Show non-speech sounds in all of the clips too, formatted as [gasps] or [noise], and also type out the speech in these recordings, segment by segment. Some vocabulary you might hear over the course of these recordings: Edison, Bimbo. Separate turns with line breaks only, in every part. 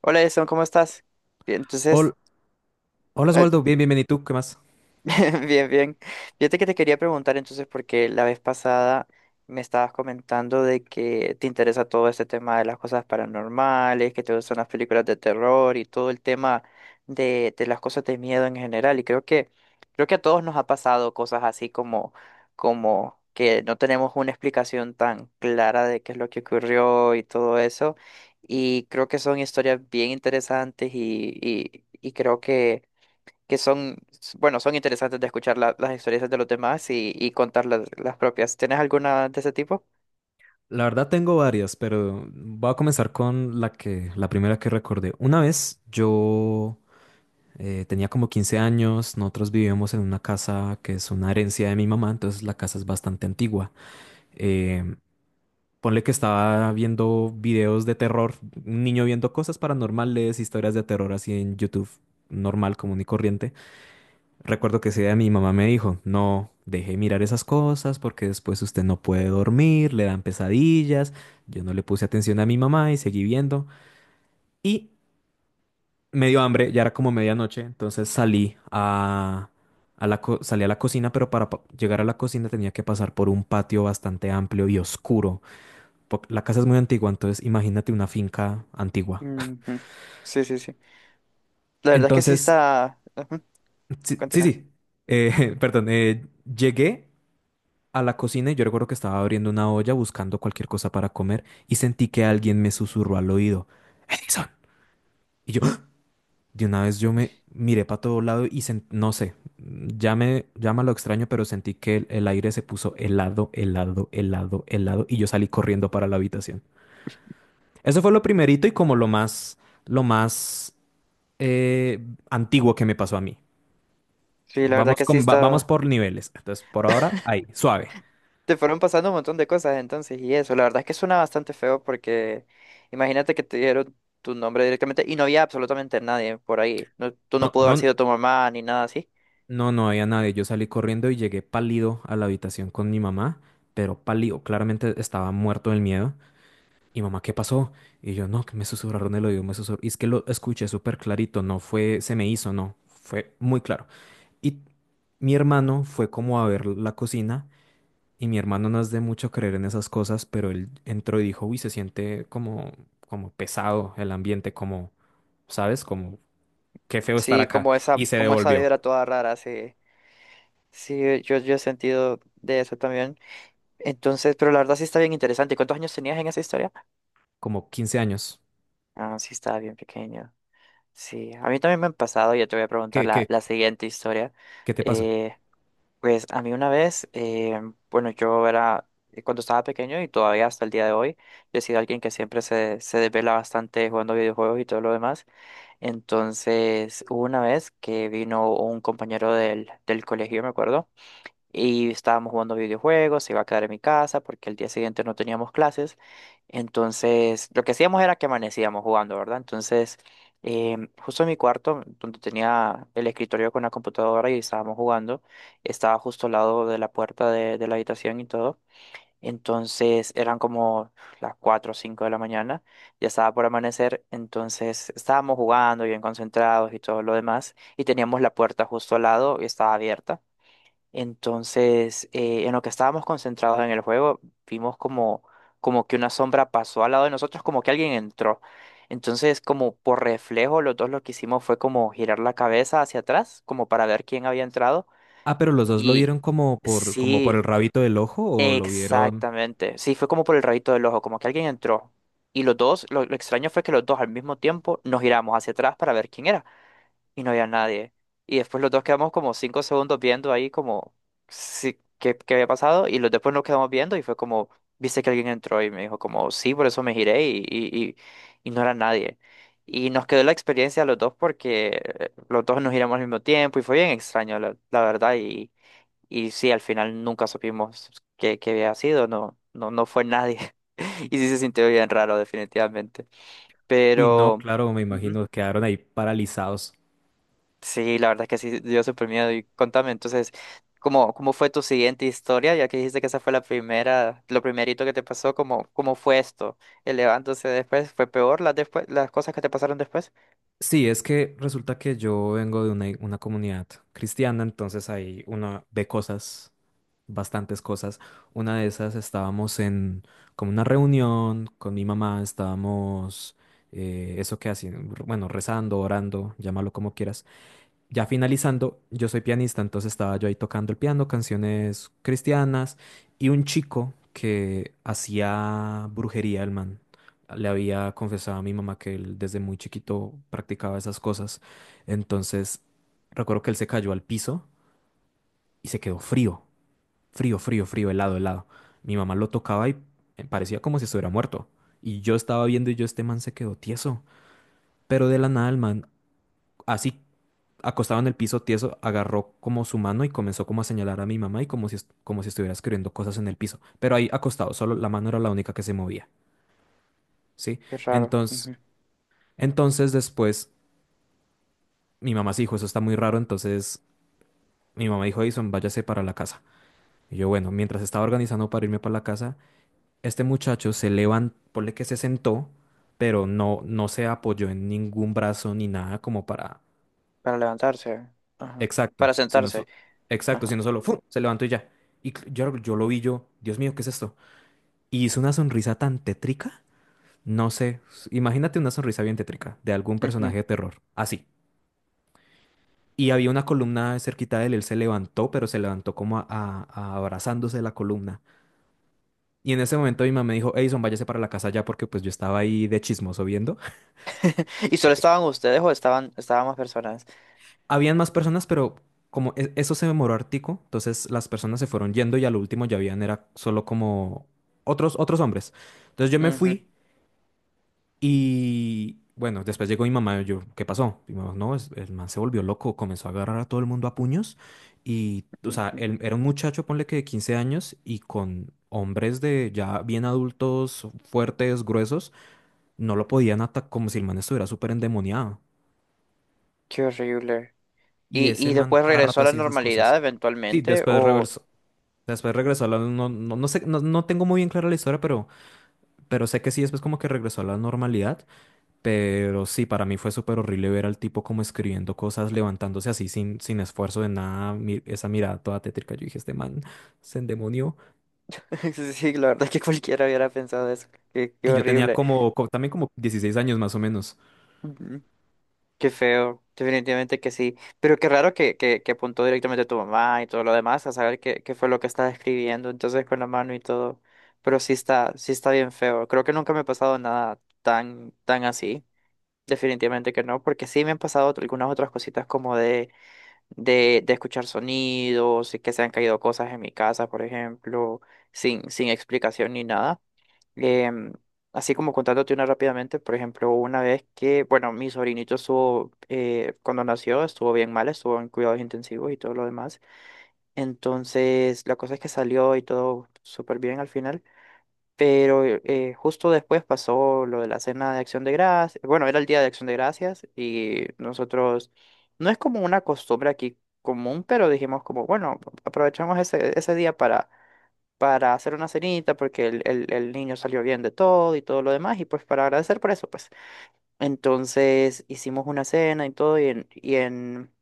Hola, Jason, ¿cómo estás? Bien,
Hol-
entonces,
Hola
eh,
Oswaldo, bien, bienvenido. ¿Y tú qué más?
[laughs] Bien, bien. Fíjate que te quería preguntar entonces, porque la vez pasada me estabas comentando de que te interesa todo este tema de las cosas paranormales, que te gustan las películas de terror y todo el tema de las cosas de miedo en general. Creo que a todos nos ha pasado cosas así como que no tenemos una explicación tan clara de qué es lo que ocurrió y todo eso. Y creo que son historias bien interesantes y creo que son, bueno, son interesantes de escuchar las experiencias de los demás y contar las propias. ¿Tienes alguna de ese tipo?
La verdad tengo varias, pero voy a comenzar con la primera que recordé. Una vez yo tenía como 15 años. Nosotros vivíamos en una casa que es una herencia de mi mamá, entonces la casa es bastante antigua. Eh, Ponle que estaba viendo videos de terror, un niño viendo cosas paranormales, historias de terror así en YouTube, normal, común y corriente. Recuerdo que ese día mi mamá me dijo, no deje de mirar esas cosas porque después usted no puede dormir, le dan pesadillas. Yo no le puse atención a mi mamá y seguí viendo. Y me dio hambre, ya era como medianoche, entonces salí a la cocina, pero para llegar a la cocina tenía que pasar por un patio bastante amplio y oscuro. La casa es muy antigua, entonces imagínate una finca antigua.
Ujú. Sí, sí, sí. La verdad es que sí
Entonces,
está... ujú.
sí, sí,
Continúa.
sí. [laughs] Perdón, llegué a la cocina y yo recuerdo que estaba abriendo una olla buscando cualquier cosa para comer y sentí que alguien me susurró al oído, Edison. Y yo, [gasps] ¡Ah! De una vez yo me miré para todo lado y no sé, ya me llama lo extraño, pero sentí que el aire se puso helado, helado, helado, helado y yo salí corriendo para la habitación. Eso fue lo primerito y como lo más eh, antiguo que me pasó a mí.
Sí, la verdad
Vamos
que sí
con, va- vamos
está...
por niveles. Entonces, por ahora,
[laughs]
ahí, suave.
Te fueron pasando un montón de cosas entonces y eso. La verdad es que suena bastante feo porque imagínate que te dieron tu nombre directamente y no había absolutamente nadie por ahí. No, tú no
No,
pudo haber
no.
sido tu mamá ni nada así.
No, no había nadie. Yo salí corriendo y llegué pálido a la habitación con mi mamá, pero pálido, claramente estaba muerto del miedo. Y mamá, ¿qué pasó? Y yo, no, que me susurraron el oído, me susurraron. Y es que lo escuché súper clarito, no fue, se me hizo, no, fue muy claro. Y mi hermano fue como a ver la cocina, y mi hermano no es de mucho creer en esas cosas, pero él entró y dijo, uy, se siente como, como pesado el ambiente, como, ¿sabes? Como, qué feo estar
Sí,
acá. Y se
como esa
devolvió,
vibra toda rara, sí. Sí, yo he sentido de eso también. Entonces, pero la verdad sí está bien interesante. ¿Cuántos años tenías en esa historia?
como 15 años.
Ah, sí, estaba bien pequeño. Sí, a mí también me han pasado, ya te voy a preguntar
qué? qué,
la siguiente historia.
¿Qué te pasó?
Eh, pues a mí una vez, bueno, cuando estaba pequeño y todavía hasta el día de hoy, yo he sido alguien que siempre se desvela bastante jugando videojuegos y todo lo demás. Entonces, hubo una vez que vino un compañero del colegio, me acuerdo y estábamos jugando videojuegos, se iba a quedar en mi casa porque el día siguiente no teníamos clases. Entonces, lo que hacíamos era que amanecíamos jugando, ¿verdad? Entonces, justo en mi cuarto, donde tenía el escritorio con la computadora y estábamos jugando, estaba justo al lado de la puerta de la habitación y todo. Entonces, eran como las 4 o 5 de la mañana, ya estaba por amanecer, entonces estábamos jugando bien concentrados y todo lo demás, y teníamos la puerta justo al lado y estaba abierta. Entonces, en lo que estábamos concentrados en el juego, vimos como que una sombra pasó al lado de nosotros, como que alguien entró. Entonces, como por reflejo, los dos lo que hicimos fue como girar la cabeza hacia atrás, como para ver quién había entrado.
Ah, pero los dos lo
Y
vieron como por, como por el
sí,
rabito del ojo o lo vieron...
exactamente. Sí, fue como por el rayito del ojo, como que alguien entró. Y los dos, lo extraño fue que los dos al mismo tiempo nos giramos hacia atrás para ver quién era y no había nadie. Y después los dos quedamos como cinco segundos viendo ahí como qué había pasado y los después nos quedamos viendo y fue como, viste que alguien entró y me dijo como, sí, por eso me giré y no era nadie. Y nos quedó la experiencia a los dos porque los dos nos giramos al mismo tiempo y fue bien extraño, la verdad. Y sí, al final nunca supimos qué, qué había sido, no, no fue nadie. [laughs] Y sí se sintió bien raro, definitivamente.
Uy, no,
Pero...
claro, me
ujú.
imagino, quedaron ahí paralizados.
Sí, la verdad que sí dio súper miedo. Y contame, entonces, ¿cómo, cómo fue tu siguiente historia? Ya que dijiste que esa fue la primera, lo primerito que te pasó, ¿cómo, cómo fue esto? ¿El levántose después? ¿Fue peor las cosas que te pasaron después?
Sí, es que resulta que yo vengo de una comunidad cristiana, entonces ahí uno ve cosas, bastantes cosas. Una de esas estábamos en como una reunión con mi mamá, estábamos, eso que hacen, bueno, rezando, orando, llámalo como quieras. Ya finalizando, yo soy pianista, entonces estaba yo ahí tocando el piano, canciones cristianas, y un chico que hacía brujería, el man. Le había confesado a mi mamá que él desde muy chiquito practicaba esas cosas. Entonces, recuerdo que él se cayó al piso y se quedó frío, frío, frío, frío, helado, helado. Mi mamá lo tocaba y parecía como si estuviera muerto. Y yo estaba viendo y yo, este man se quedó tieso. Pero de la nada, el man, así acostado en el piso tieso, agarró como su mano y comenzó como a señalar a mi mamá y como como si estuviera escribiendo cosas en el piso. Pero ahí acostado, solo la mano era la única que se movía, ¿sí?
Qué raro.
Entonces,
Ujú.
entonces después mi mamá se dijo, eso está muy raro, entonces mi mamá dijo, Edison, váyase para la casa. Y yo, bueno, mientras estaba organizando para irme para la casa, este muchacho se levantó, ponle que se sentó, pero no, no se apoyó en ningún brazo ni nada como para
Para levantarse. Ajá.
Exacto,
Para
si no,
sentarse.
so- exacto, si
Ajá.
no solo ¡fum! Se levantó y ya. Y yo lo vi yo, Dios mío, ¿qué es esto? Y hizo una sonrisa tan tétrica, no sé, imagínate una sonrisa bien tétrica de algún personaje
Ujú.
de terror, así. Y había una columna cerquita de él, él se levantó, pero se levantó como a abrazándose de la columna. Y en ese momento mi mamá me dijo, Edison, váyase para la casa ya porque pues yo estaba ahí de chismoso viendo.
¿Y solo estaban
[laughs]
ustedes o estaban más personas?
Habían más personas, pero como eso se demoró hartico, entonces las personas se fueron yendo y al último ya habían era solo como otros hombres. Entonces yo me
Ujú,
fui y bueno, después llegó mi mamá, yo, ¿qué pasó? Y mi mamá, no, el man se volvió loco, comenzó a agarrar a todo el mundo a puños y, o sea,
ujú.
él era un muchacho, ponle que de 15 años y con hombres de ya bien adultos, fuertes, gruesos, no lo podían atacar como si el man estuviera súper endemoniado.
Qué horrible.
Y ese
Y
man
después
cada
regresó
rato
a la
hacía esas
normalidad
cosas. Sí,
eventualmente?
después
¿O...?
regresó. Después regresó a la... No, no, no sé, no, no tengo muy bien clara la historia, pero sé que sí, después como que regresó a la normalidad. Pero sí, para mí fue súper horrible ver al tipo como escribiendo cosas, levantándose así sin esfuerzo de nada. Esa mirada toda tétrica. Yo dije, este man se endemonió.
[laughs] Sí, la verdad es que cualquiera hubiera pensado eso. Qué, qué
Y yo tenía
horrible.
también como 16 años más o menos.
Mm. Qué feo. Definitivamente que sí. Pero qué raro que apuntó directamente a tu mamá y todo lo demás a saber qué, qué fue lo que estaba escribiendo. Entonces con la mano y todo. Pero sí está bien feo. Creo que nunca me ha pasado nada tan, tan así. Definitivamente que no, porque sí me han pasado algunas otras cositas como de escuchar sonidos y que se han caído cosas en mi casa, por ejemplo, sin explicación ni nada. Em, así como contándote una rápidamente, por ejemplo, una vez que, bueno, mi sobrinito estuvo, cuando nació, estuvo bien mal, estuvo en cuidados intensivos y todo lo demás. Entonces, la cosa es que salió y todo súper bien al final, pero justo después pasó lo de la cena de Acción de Gracias. Bueno, era el día de Acción de Gracias y nosotros, no es como una costumbre aquí común, pero dijimos como, bueno, aprovechamos ese día para hacer una cenita porque el niño salió bien de todo y todo lo demás y pues para agradecer por eso pues. Entonces hicimos una cena y todo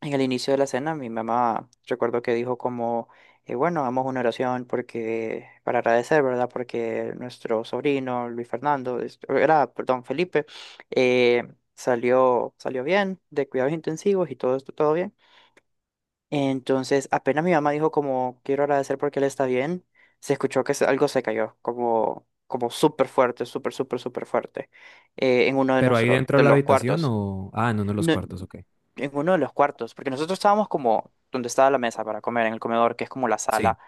en el inicio de la cena mi mamá recuerdo que dijo como, bueno, hagamos una oración porque para agradecer, ¿verdad? Porque nuestro sobrino Luis Fernando, perdón, Felipe, eh, salió bien de cuidados intensivos y todo esto, todo bien. Entonces, apenas mi mamá dijo como quiero agradecer porque él está bien, se escuchó que algo se cayó, como, como súper fuerte, súper fuerte, en uno de
Pero ahí dentro de
de
la
los
habitación
cuartos.
o... Ah, en uno de los
No-
cuartos, ok.
en uno de los cuartos, porque nosotros estábamos como donde estaba la mesa para comer, en el comedor, que es como la
Sí.
sala.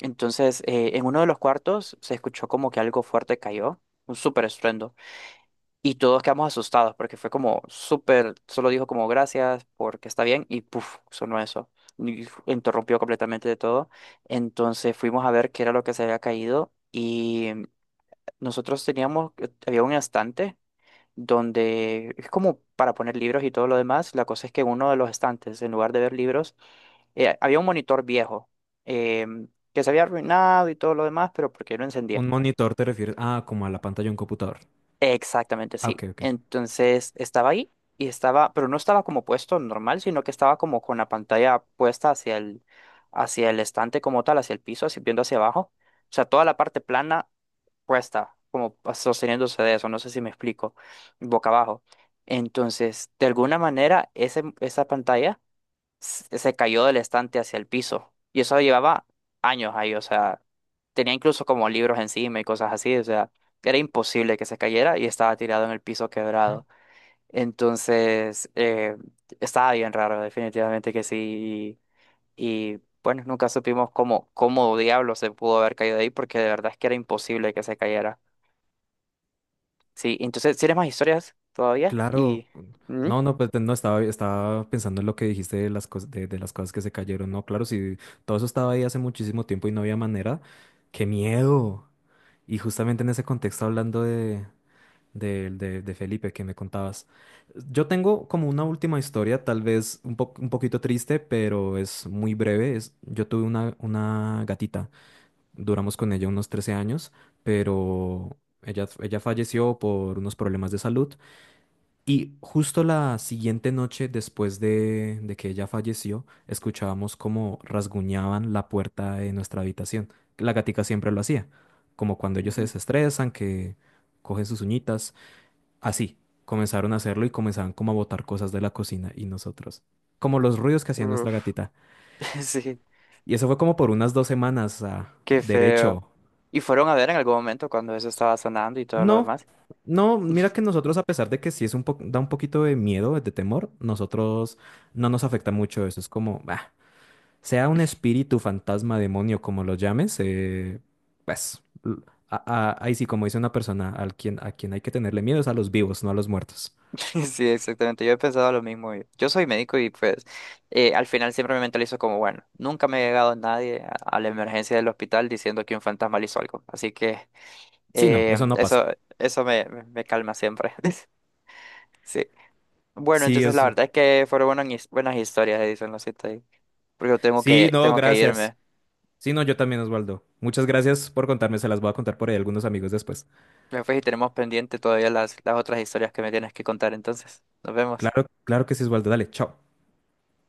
Entonces, en uno de los cuartos se escuchó como que algo fuerte cayó, un súper estruendo. Y todos quedamos asustados porque fue como súper, solo dijo como gracias porque está bien y puff sonó eso. Interrumpió completamente de todo. Entonces fuimos a ver qué era lo que se había caído y nosotros teníamos, había un estante donde es como para poner libros y todo lo demás. La cosa es que en uno de los estantes, en lugar de ver libros, había un monitor viejo em, que se había arruinado y todo lo demás, pero porque no encendía.
Un monitor te refieres... Ah, como a la pantalla de un computador.
Exactamente,
Ah, ok,
sí.
ok.
Entonces estaba ahí y estaba, pero no estaba como puesto normal, sino que estaba como con la pantalla puesta hacia hacia el estante como tal, hacia el piso, así viendo hacia abajo. O sea, toda la parte plana puesta, como sosteniéndose de eso, no sé si me explico, boca abajo. Entonces, de alguna manera, esa pantalla se cayó del estante hacia el piso. Y eso llevaba años ahí, o sea, tenía incluso como libros encima y cosas así, o sea, era imposible que se cayera y estaba tirado en el piso quebrado. Entonces, estaba bien raro, definitivamente que sí. Bueno, nunca supimos cómo, cómo diablo se pudo haber caído de ahí, porque de verdad es que era imposible que se cayera. Sí, entonces, ¿tienes más historias todavía?
Claro,
Y... ¿Mm?
no, no, pues no estaba, estaba pensando en lo que dijiste de las cosas que se cayeron. No, claro, si todo eso estaba ahí hace muchísimo tiempo y no había manera, qué miedo. Y justamente en ese contexto, hablando de, de Felipe que me contabas, yo tengo como una última historia, tal vez un poquito triste, pero es muy breve. Es, yo tuve una gatita, duramos con ella unos 13 años, pero ella falleció por unos problemas de salud. Y justo la siguiente noche, después de que ella falleció, escuchábamos como rasguñaban la puerta de nuestra habitación. La gatica siempre lo hacía, como cuando ellos se
Ujú.
desestresan, que cogen sus uñitas. Así, comenzaron a hacerlo y comenzaban como a botar cosas de la cocina y nosotros. Como los ruidos que hacía nuestra
Uf,
gatita.
[laughs] sí.
Y eso fue como por unas 2 semanas, ah,
Qué feo.
derecho.
Y fueron a ver en algún momento cuando eso estaba sonando y todo lo
No,
demás.
no, mira que
[laughs]
nosotros, a pesar de que sí es da un poquito de miedo, de temor, nosotros no nos afecta mucho eso. Es como, bah, sea un espíritu, fantasma, demonio, como lo llames, pues a- ahí sí, como dice una persona, a quien hay que tenerle miedo es a los vivos, no a los muertos.
Sí, exactamente. Yo he pensado lo mismo. Yo soy médico y pues al final siempre me mentalizo como, bueno, nunca me ha llegado nadie a, a la emergencia del hospital diciendo que un fantasma le hizo algo. Así que
Sí, no,
eh,
eso no
eso,
pasa.
eso me calma siempre. [laughs] Sí. Bueno,
Sí,
entonces la
es.
verdad es que fueron buenas, buenas historias, dicen los siete ahí. Porque yo
Sí, no,
tengo que
gracias.
irme.
Sí, no, yo también, Osvaldo. Muchas gracias por contarme, se las voy a contar por ahí a algunos amigos después.
Después y tenemos pendiente todavía las otras historias que me tienes que contar. Entonces, nos vemos.
Claro, claro que sí, Osvaldo. Dale, chao.